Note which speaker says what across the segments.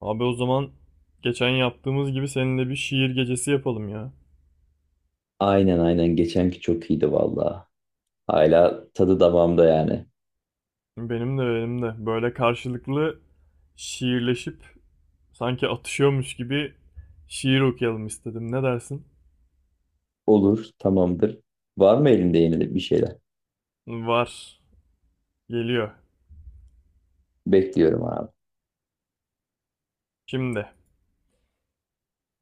Speaker 1: Abi o zaman geçen yaptığımız gibi seninle bir şiir gecesi yapalım ya.
Speaker 2: Aynen, aynen, geçenki çok iyiydi valla. Hala tadı damağımda yani.
Speaker 1: Benim de. Böyle karşılıklı şiirleşip sanki atışıyormuş gibi şiir okuyalım istedim. Ne dersin?
Speaker 2: Olur, tamamdır. Var mı elinde yeni de bir şeyler?
Speaker 1: Var. Geliyor.
Speaker 2: Bekliyorum abi.
Speaker 1: Şimdi.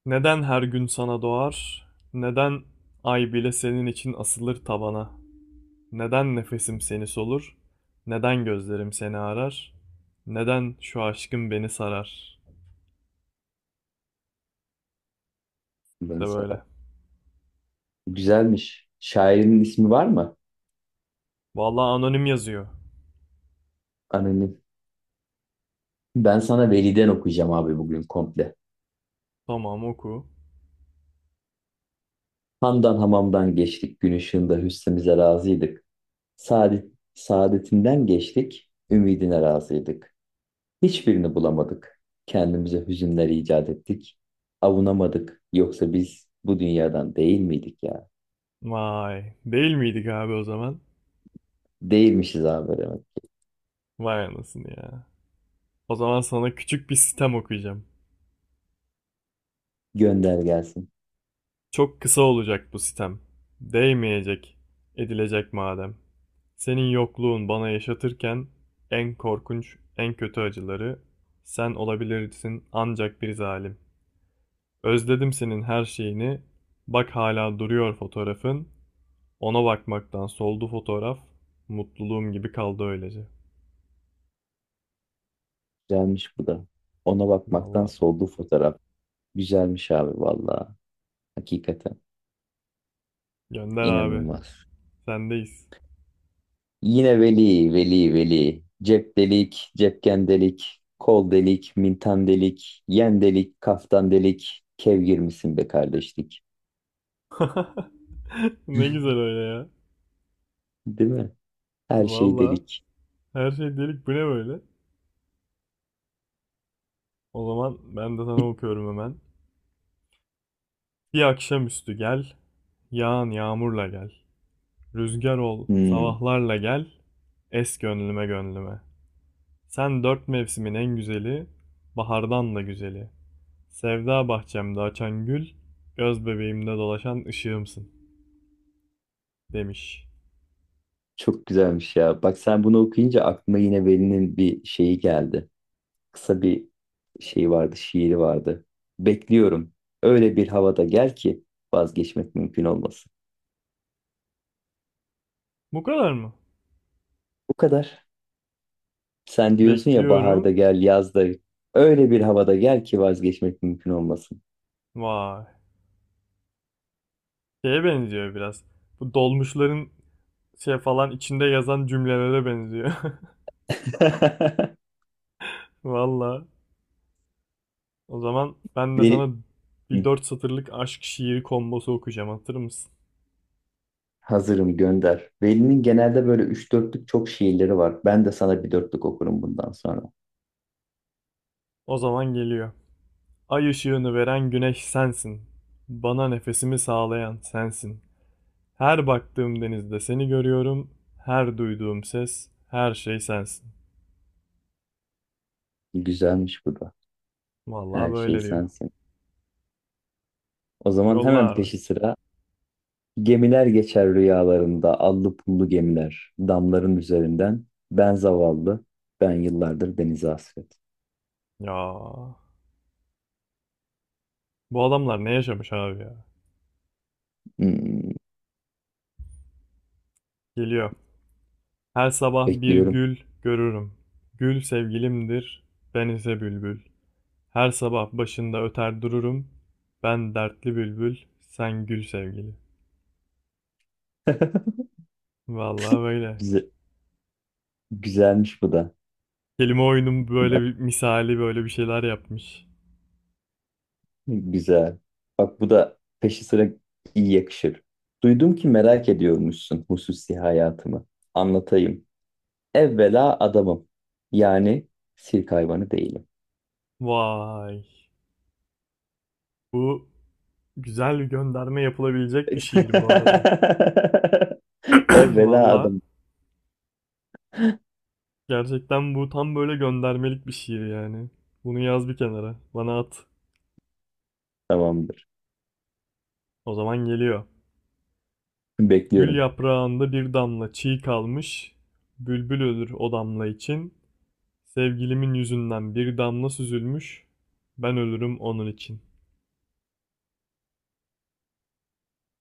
Speaker 1: Neden her gün sana doğar? Neden ay bile senin için asılır tavana? Neden nefesim seni solur? Neden gözlerim seni arar? Neden şu aşkın beni sarar?
Speaker 2: Ben
Speaker 1: İşte
Speaker 2: sana.
Speaker 1: böyle.
Speaker 2: Güzelmiş. Şairin ismi var mı?
Speaker 1: Vallahi anonim yazıyor.
Speaker 2: Anonim. Ben sana Veli'den okuyacağım abi bugün komple.
Speaker 1: Tamam, oku.
Speaker 2: Hamdan hamamdan geçtik. Gün ışığında hüsnümüze razıydık. Saadet, saadetinden geçtik. Ümidine razıydık. Hiçbirini bulamadık. Kendimize hüzünler icat ettik. Avunamadık. Yoksa biz bu dünyadan değil miydik ya?
Speaker 1: Vay. Değil miydik abi o zaman?
Speaker 2: Değilmişiz abi demek.
Speaker 1: Vay anasını ya. O zaman sana küçük bir sitem okuyacağım.
Speaker 2: Gönder gelsin.
Speaker 1: Çok kısa olacak bu sitem. Değmeyecek, edilecek madem. Senin yokluğun bana yaşatırken en korkunç, en kötü acıları sen olabilirsin ancak bir zalim. Özledim senin her şeyini. Bak hala duruyor fotoğrafın. Ona bakmaktan soldu fotoğraf. Mutluluğum gibi kaldı öylece.
Speaker 2: Güzelmiş bu da. Ona bakmaktan
Speaker 1: Vallahi
Speaker 2: soldu fotoğraf. Güzelmiş abi valla. Hakikaten.
Speaker 1: gönder abi.
Speaker 2: İnanılmaz.
Speaker 1: Sendeyiz.
Speaker 2: Yine veli, veli, veli. Cep delik, cepken delik. Kol delik, mintan delik. Yen delik, kaftan delik. Kev girmişsin be kardeşlik.
Speaker 1: Ne güzel öyle ya.
Speaker 2: Değil mi? Her şey
Speaker 1: Valla
Speaker 2: delik.
Speaker 1: her şey delik, bu ne böyle? O zaman ben de sana okuyorum hemen. Bir akşamüstü gel, yağan yağmurla gel. Rüzgar ol,
Speaker 2: Hmm.
Speaker 1: sabahlarla gel, es gönlüme gönlüme. Sen dört mevsimin en güzeli, bahardan da güzeli. Sevda bahçemde açan gül, göz bebeğimde dolaşan ışığımsın demiş.
Speaker 2: Çok güzelmiş ya. Bak sen bunu okuyunca aklıma yine Veli'nin bir şeyi geldi. Kısa bir şey vardı, şiiri vardı. Bekliyorum. Öyle bir havada gel ki vazgeçmek mümkün olmasın.
Speaker 1: Bu kadar mı?
Speaker 2: Bu kadar. Sen diyorsun ya baharda
Speaker 1: Bekliyorum.
Speaker 2: gel, yazda öyle bir havada gel ki vazgeçmek mümkün olmasın.
Speaker 1: Vay. Şeye benziyor biraz. Bu dolmuşların şey falan içinde yazan cümlelere benziyor. Valla. O zaman ben de
Speaker 2: Veli.
Speaker 1: sana bir
Speaker 2: Hı,
Speaker 1: dört satırlık aşk şiiri kombosu okuyacağım. Hatır mısın?
Speaker 2: hazırım, gönder. Veli'nin genelde böyle üç dörtlük çok şiirleri var. Ben de sana bir dörtlük okurum bundan sonra.
Speaker 1: O zaman geliyor. Ay ışığını veren güneş sensin. Bana nefesimi sağlayan sensin. Her baktığım denizde seni görüyorum. Her duyduğum ses, her şey sensin.
Speaker 2: Güzelmiş bu da.
Speaker 1: Vallahi
Speaker 2: Her şey
Speaker 1: böyle diyor.
Speaker 2: sensin. O zaman
Speaker 1: Yolla
Speaker 2: hemen
Speaker 1: abi.
Speaker 2: peşi sıra. Gemiler geçer rüyalarında, allı pullu gemiler, damların üzerinden. Ben zavallı, ben yıllardır denize hasret.
Speaker 1: Ya. Bu adamlar ne yaşamış abi ya?
Speaker 2: Hmm,
Speaker 1: Geliyor. Her sabah bir
Speaker 2: bekliyorum.
Speaker 1: gül görürüm. Gül sevgilimdir, ben ise bülbül. Her sabah başında öter dururum. Ben dertli bülbül, sen gül sevgili. Vallahi böyle.
Speaker 2: Güze- güzelmiş bu da.
Speaker 1: Kelime oyunun böyle
Speaker 2: Bak,
Speaker 1: bir misali, böyle bir şeyler yapmış.
Speaker 2: güzel. Bak bu da peşi sıra iyi yakışır. Duydum ki merak ediyormuşsun hususi hayatımı. Anlatayım. Evvela adamım. Yani sirk hayvanı değilim.
Speaker 1: Vay. Bu, güzel bir gönderme yapılabilecek bir şiir bu arada.
Speaker 2: Evvela
Speaker 1: Vallahi
Speaker 2: adam,
Speaker 1: gerçekten bu tam böyle göndermelik bir şiir yani. Bunu yaz bir kenara. Bana at.
Speaker 2: tamamdır.
Speaker 1: O zaman geliyor. Gül
Speaker 2: Bekliyorum.
Speaker 1: yaprağında bir damla çiğ kalmış, bülbül ölür o damla için. Sevgilimin yüzünden bir damla süzülmüş, ben ölürüm onun için.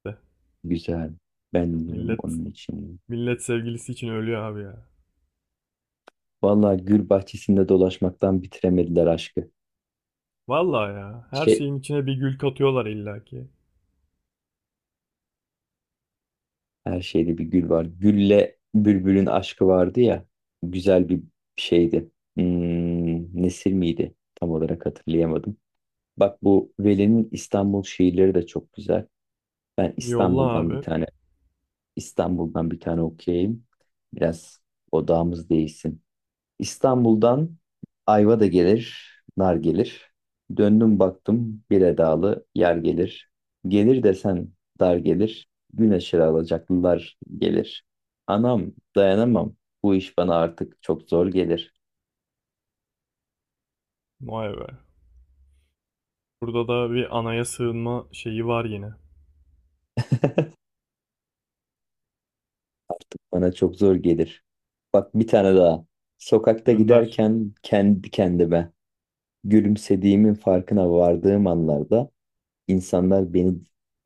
Speaker 1: De.
Speaker 2: Güzel. Ben diyorum
Speaker 1: Millet,
Speaker 2: onun için.
Speaker 1: millet sevgilisi için ölüyor abi ya.
Speaker 2: Vallahi gül bahçesinde dolaşmaktan bitiremediler aşkı.
Speaker 1: Vallahi ya, her
Speaker 2: Şey,
Speaker 1: şeyin içine bir gül katıyorlar illaki.
Speaker 2: her şeyde bir gül var. Gülle bülbülün aşkı vardı ya. Güzel bir şeydi. Nesir miydi? Tam olarak hatırlayamadım. Bak bu Veli'nin İstanbul şiirleri de çok güzel. Ben
Speaker 1: Yolla
Speaker 2: İstanbul'dan bir
Speaker 1: abi.
Speaker 2: tane İstanbul'dan bir tane okuyayım. Biraz odağımız değişsin. İstanbul'dan ayva da gelir, nar gelir. Döndüm baktım bir edalı yer gelir. Gelir desen dar gelir, güneşe alacaklılar gelir. Anam dayanamam, bu iş bana artık çok zor gelir.
Speaker 1: Vay be. Burada da bir anaya sığınma şeyi var yine.
Speaker 2: Artık bana çok zor gelir. Bak bir tane daha. Sokakta
Speaker 1: Gönder.
Speaker 2: giderken kendi kendime gülümsediğimin farkına vardığım anlarda insanlar beni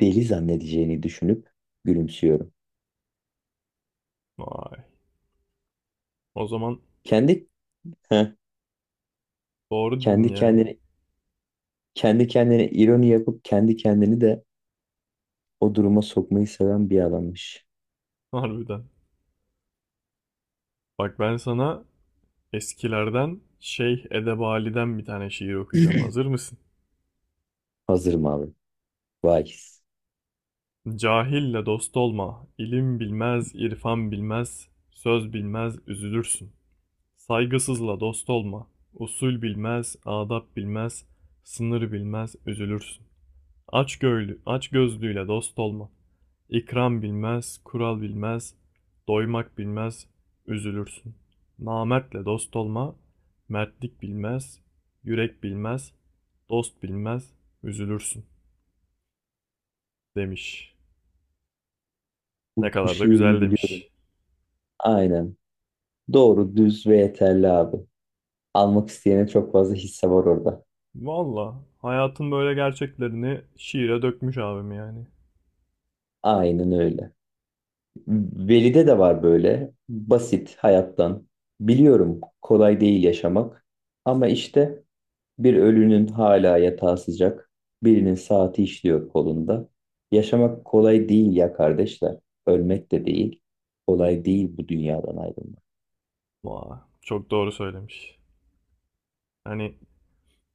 Speaker 2: deli zannedeceğini düşünüp gülümsüyorum.
Speaker 1: Vay. O zaman
Speaker 2: Kendi
Speaker 1: doğru dedin
Speaker 2: Kendi
Speaker 1: yani.
Speaker 2: kendine kendi kendine ironi yapıp kendi kendini de o duruma sokmayı seven bir adammış.
Speaker 1: Harbiden. Bak ben sana eskilerden Şeyh Edebali'den bir tane şiir okuyacağım. Hazır mısın?
Speaker 2: Hazırım abi. Vay.
Speaker 1: Cahille dost olma, ilim bilmez, irfan bilmez, söz bilmez, üzülürsün. Saygısızla dost olma, usul bilmez, adap bilmez, sınır bilmez, üzülürsün. Aç göğlü, aç gözlüyle dost olma. İkram bilmez, kural bilmez, doymak bilmez, üzülürsün. Namertle dost olma, mertlik bilmez, yürek bilmez, dost bilmez, üzülürsün demiş. Ne
Speaker 2: Bu
Speaker 1: kadar da
Speaker 2: şiirimi
Speaker 1: güzel
Speaker 2: biliyorum.
Speaker 1: demiş.
Speaker 2: Aynen. Doğru, düz ve yeterli abi. Almak isteyene çok fazla hisse var orada.
Speaker 1: Valla hayatın böyle gerçeklerini şiire dökmüş abim yani.
Speaker 2: Aynen öyle. Veli'de de var böyle. Basit hayattan. Biliyorum kolay değil yaşamak. Ama işte bir ölünün hala yatağı sıcak, birinin saati işliyor kolunda. Yaşamak kolay değil ya kardeşler. Ölmek de değil. Kolay değil bu dünyadan ayrılmak.
Speaker 1: Vay, çok doğru söylemiş. Hani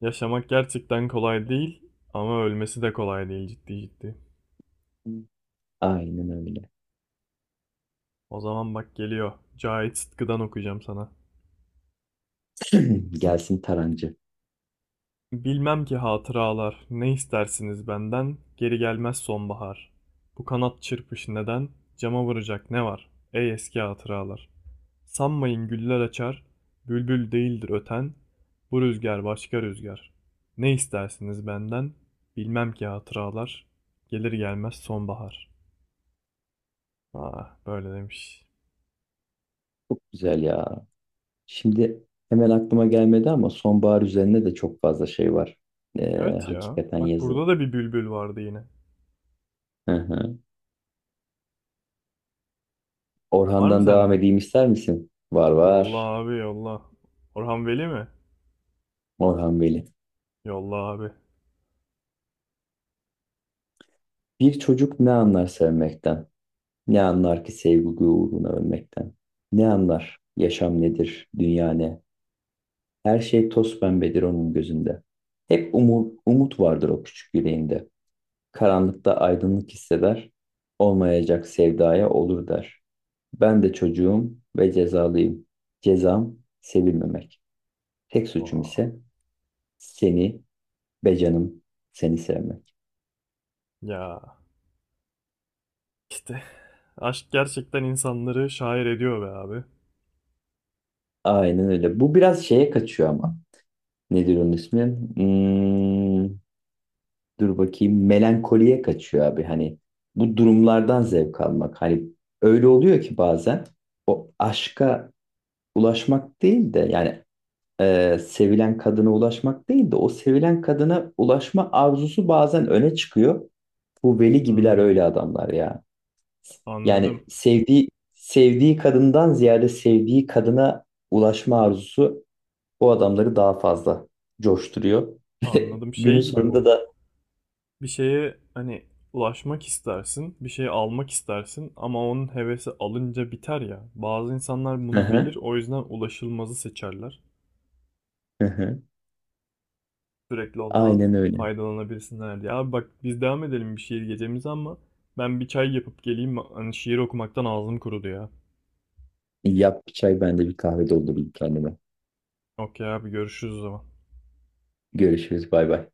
Speaker 1: yaşamak gerçekten kolay değil ama ölmesi de kolay değil, ciddi ciddi.
Speaker 2: Aynen öyle.
Speaker 1: O zaman bak geliyor. Cahit Sıtkı'dan okuyacağım sana.
Speaker 2: Gelsin Tarancı.
Speaker 1: Bilmem ki hatıralar, ne istersiniz benden, geri gelmez sonbahar. Bu kanat çırpış neden, cama vuracak ne var, ey eski hatıralar. Sanmayın güller açar, bülbül değildir öten, bu rüzgar başka rüzgar. Ne istersiniz benden, bilmem ki hatıralar, gelir gelmez sonbahar. Ah, böyle demiş.
Speaker 2: Çok güzel ya. Şimdi hemen aklıma gelmedi ama sonbahar üzerine de çok fazla şey var.
Speaker 1: Evet ya,
Speaker 2: Hakikaten
Speaker 1: bak
Speaker 2: yazı.
Speaker 1: burada da bir bülbül vardı yine.
Speaker 2: Hı hı.
Speaker 1: Var mı
Speaker 2: Orhan'dan devam
Speaker 1: sende?
Speaker 2: edeyim ister misin? Var,
Speaker 1: Yolla
Speaker 2: var.
Speaker 1: abi, yolla. Orhan Veli mi?
Speaker 2: Orhan Veli.
Speaker 1: Yolla abi.
Speaker 2: Bir çocuk ne anlar sevmekten? Ne anlar ki sevgi uğruna ölmekten? Ne anlar yaşam nedir, dünya ne? Her şey toz pembedir onun gözünde. Hep umut, umut vardır o küçük yüreğinde. Karanlıkta aydınlık hisseder, olmayacak sevdaya olur der. Ben de çocuğum ve cezalıyım. Cezam sevilmemek. Tek suçum
Speaker 1: Vaa.
Speaker 2: ise seni be canım seni sevmek.
Speaker 1: Ya işte aşk gerçekten insanları şair ediyor be abi.
Speaker 2: Aynen öyle. Bu biraz şeye kaçıyor ama. Nedir onun ismi? Hmm, Dur bakayım, melankoliye kaçıyor abi, hani bu durumlardan zevk almak, hani öyle oluyor ki bazen o aşka ulaşmak değil de yani sevilen kadına ulaşmak değil de o sevilen kadına ulaşma arzusu bazen öne çıkıyor. Bu veli gibiler
Speaker 1: Hmm.
Speaker 2: öyle adamlar ya.
Speaker 1: Anladım.
Speaker 2: Yani sevdiği kadından ziyade sevdiği kadına ulaşma arzusu o adamları daha fazla coşturuyor.
Speaker 1: Anladım.
Speaker 2: Günün
Speaker 1: Şey gibi
Speaker 2: sonunda
Speaker 1: bu.
Speaker 2: da
Speaker 1: Bir şeye hani ulaşmak istersin, bir şey almak istersin ama onun hevesi alınca biter ya. Bazı insanlar
Speaker 2: hı
Speaker 1: bunu bilir,
Speaker 2: hı.
Speaker 1: o yüzden ulaşılmazı seçerler,
Speaker 2: Hı hı.
Speaker 1: sürekli ondan
Speaker 2: Aynen öyle.
Speaker 1: faydalanabilsinler diye. Abi bak biz devam edelim bir şiir gecemize ama ben bir çay yapıp geleyim. Hani şiir okumaktan ağzım kurudu ya.
Speaker 2: Yap bir çay, ben de bir kahve doldurayım kendime.
Speaker 1: Okey abi, görüşürüz o zaman.
Speaker 2: Görüşürüz, bay bay.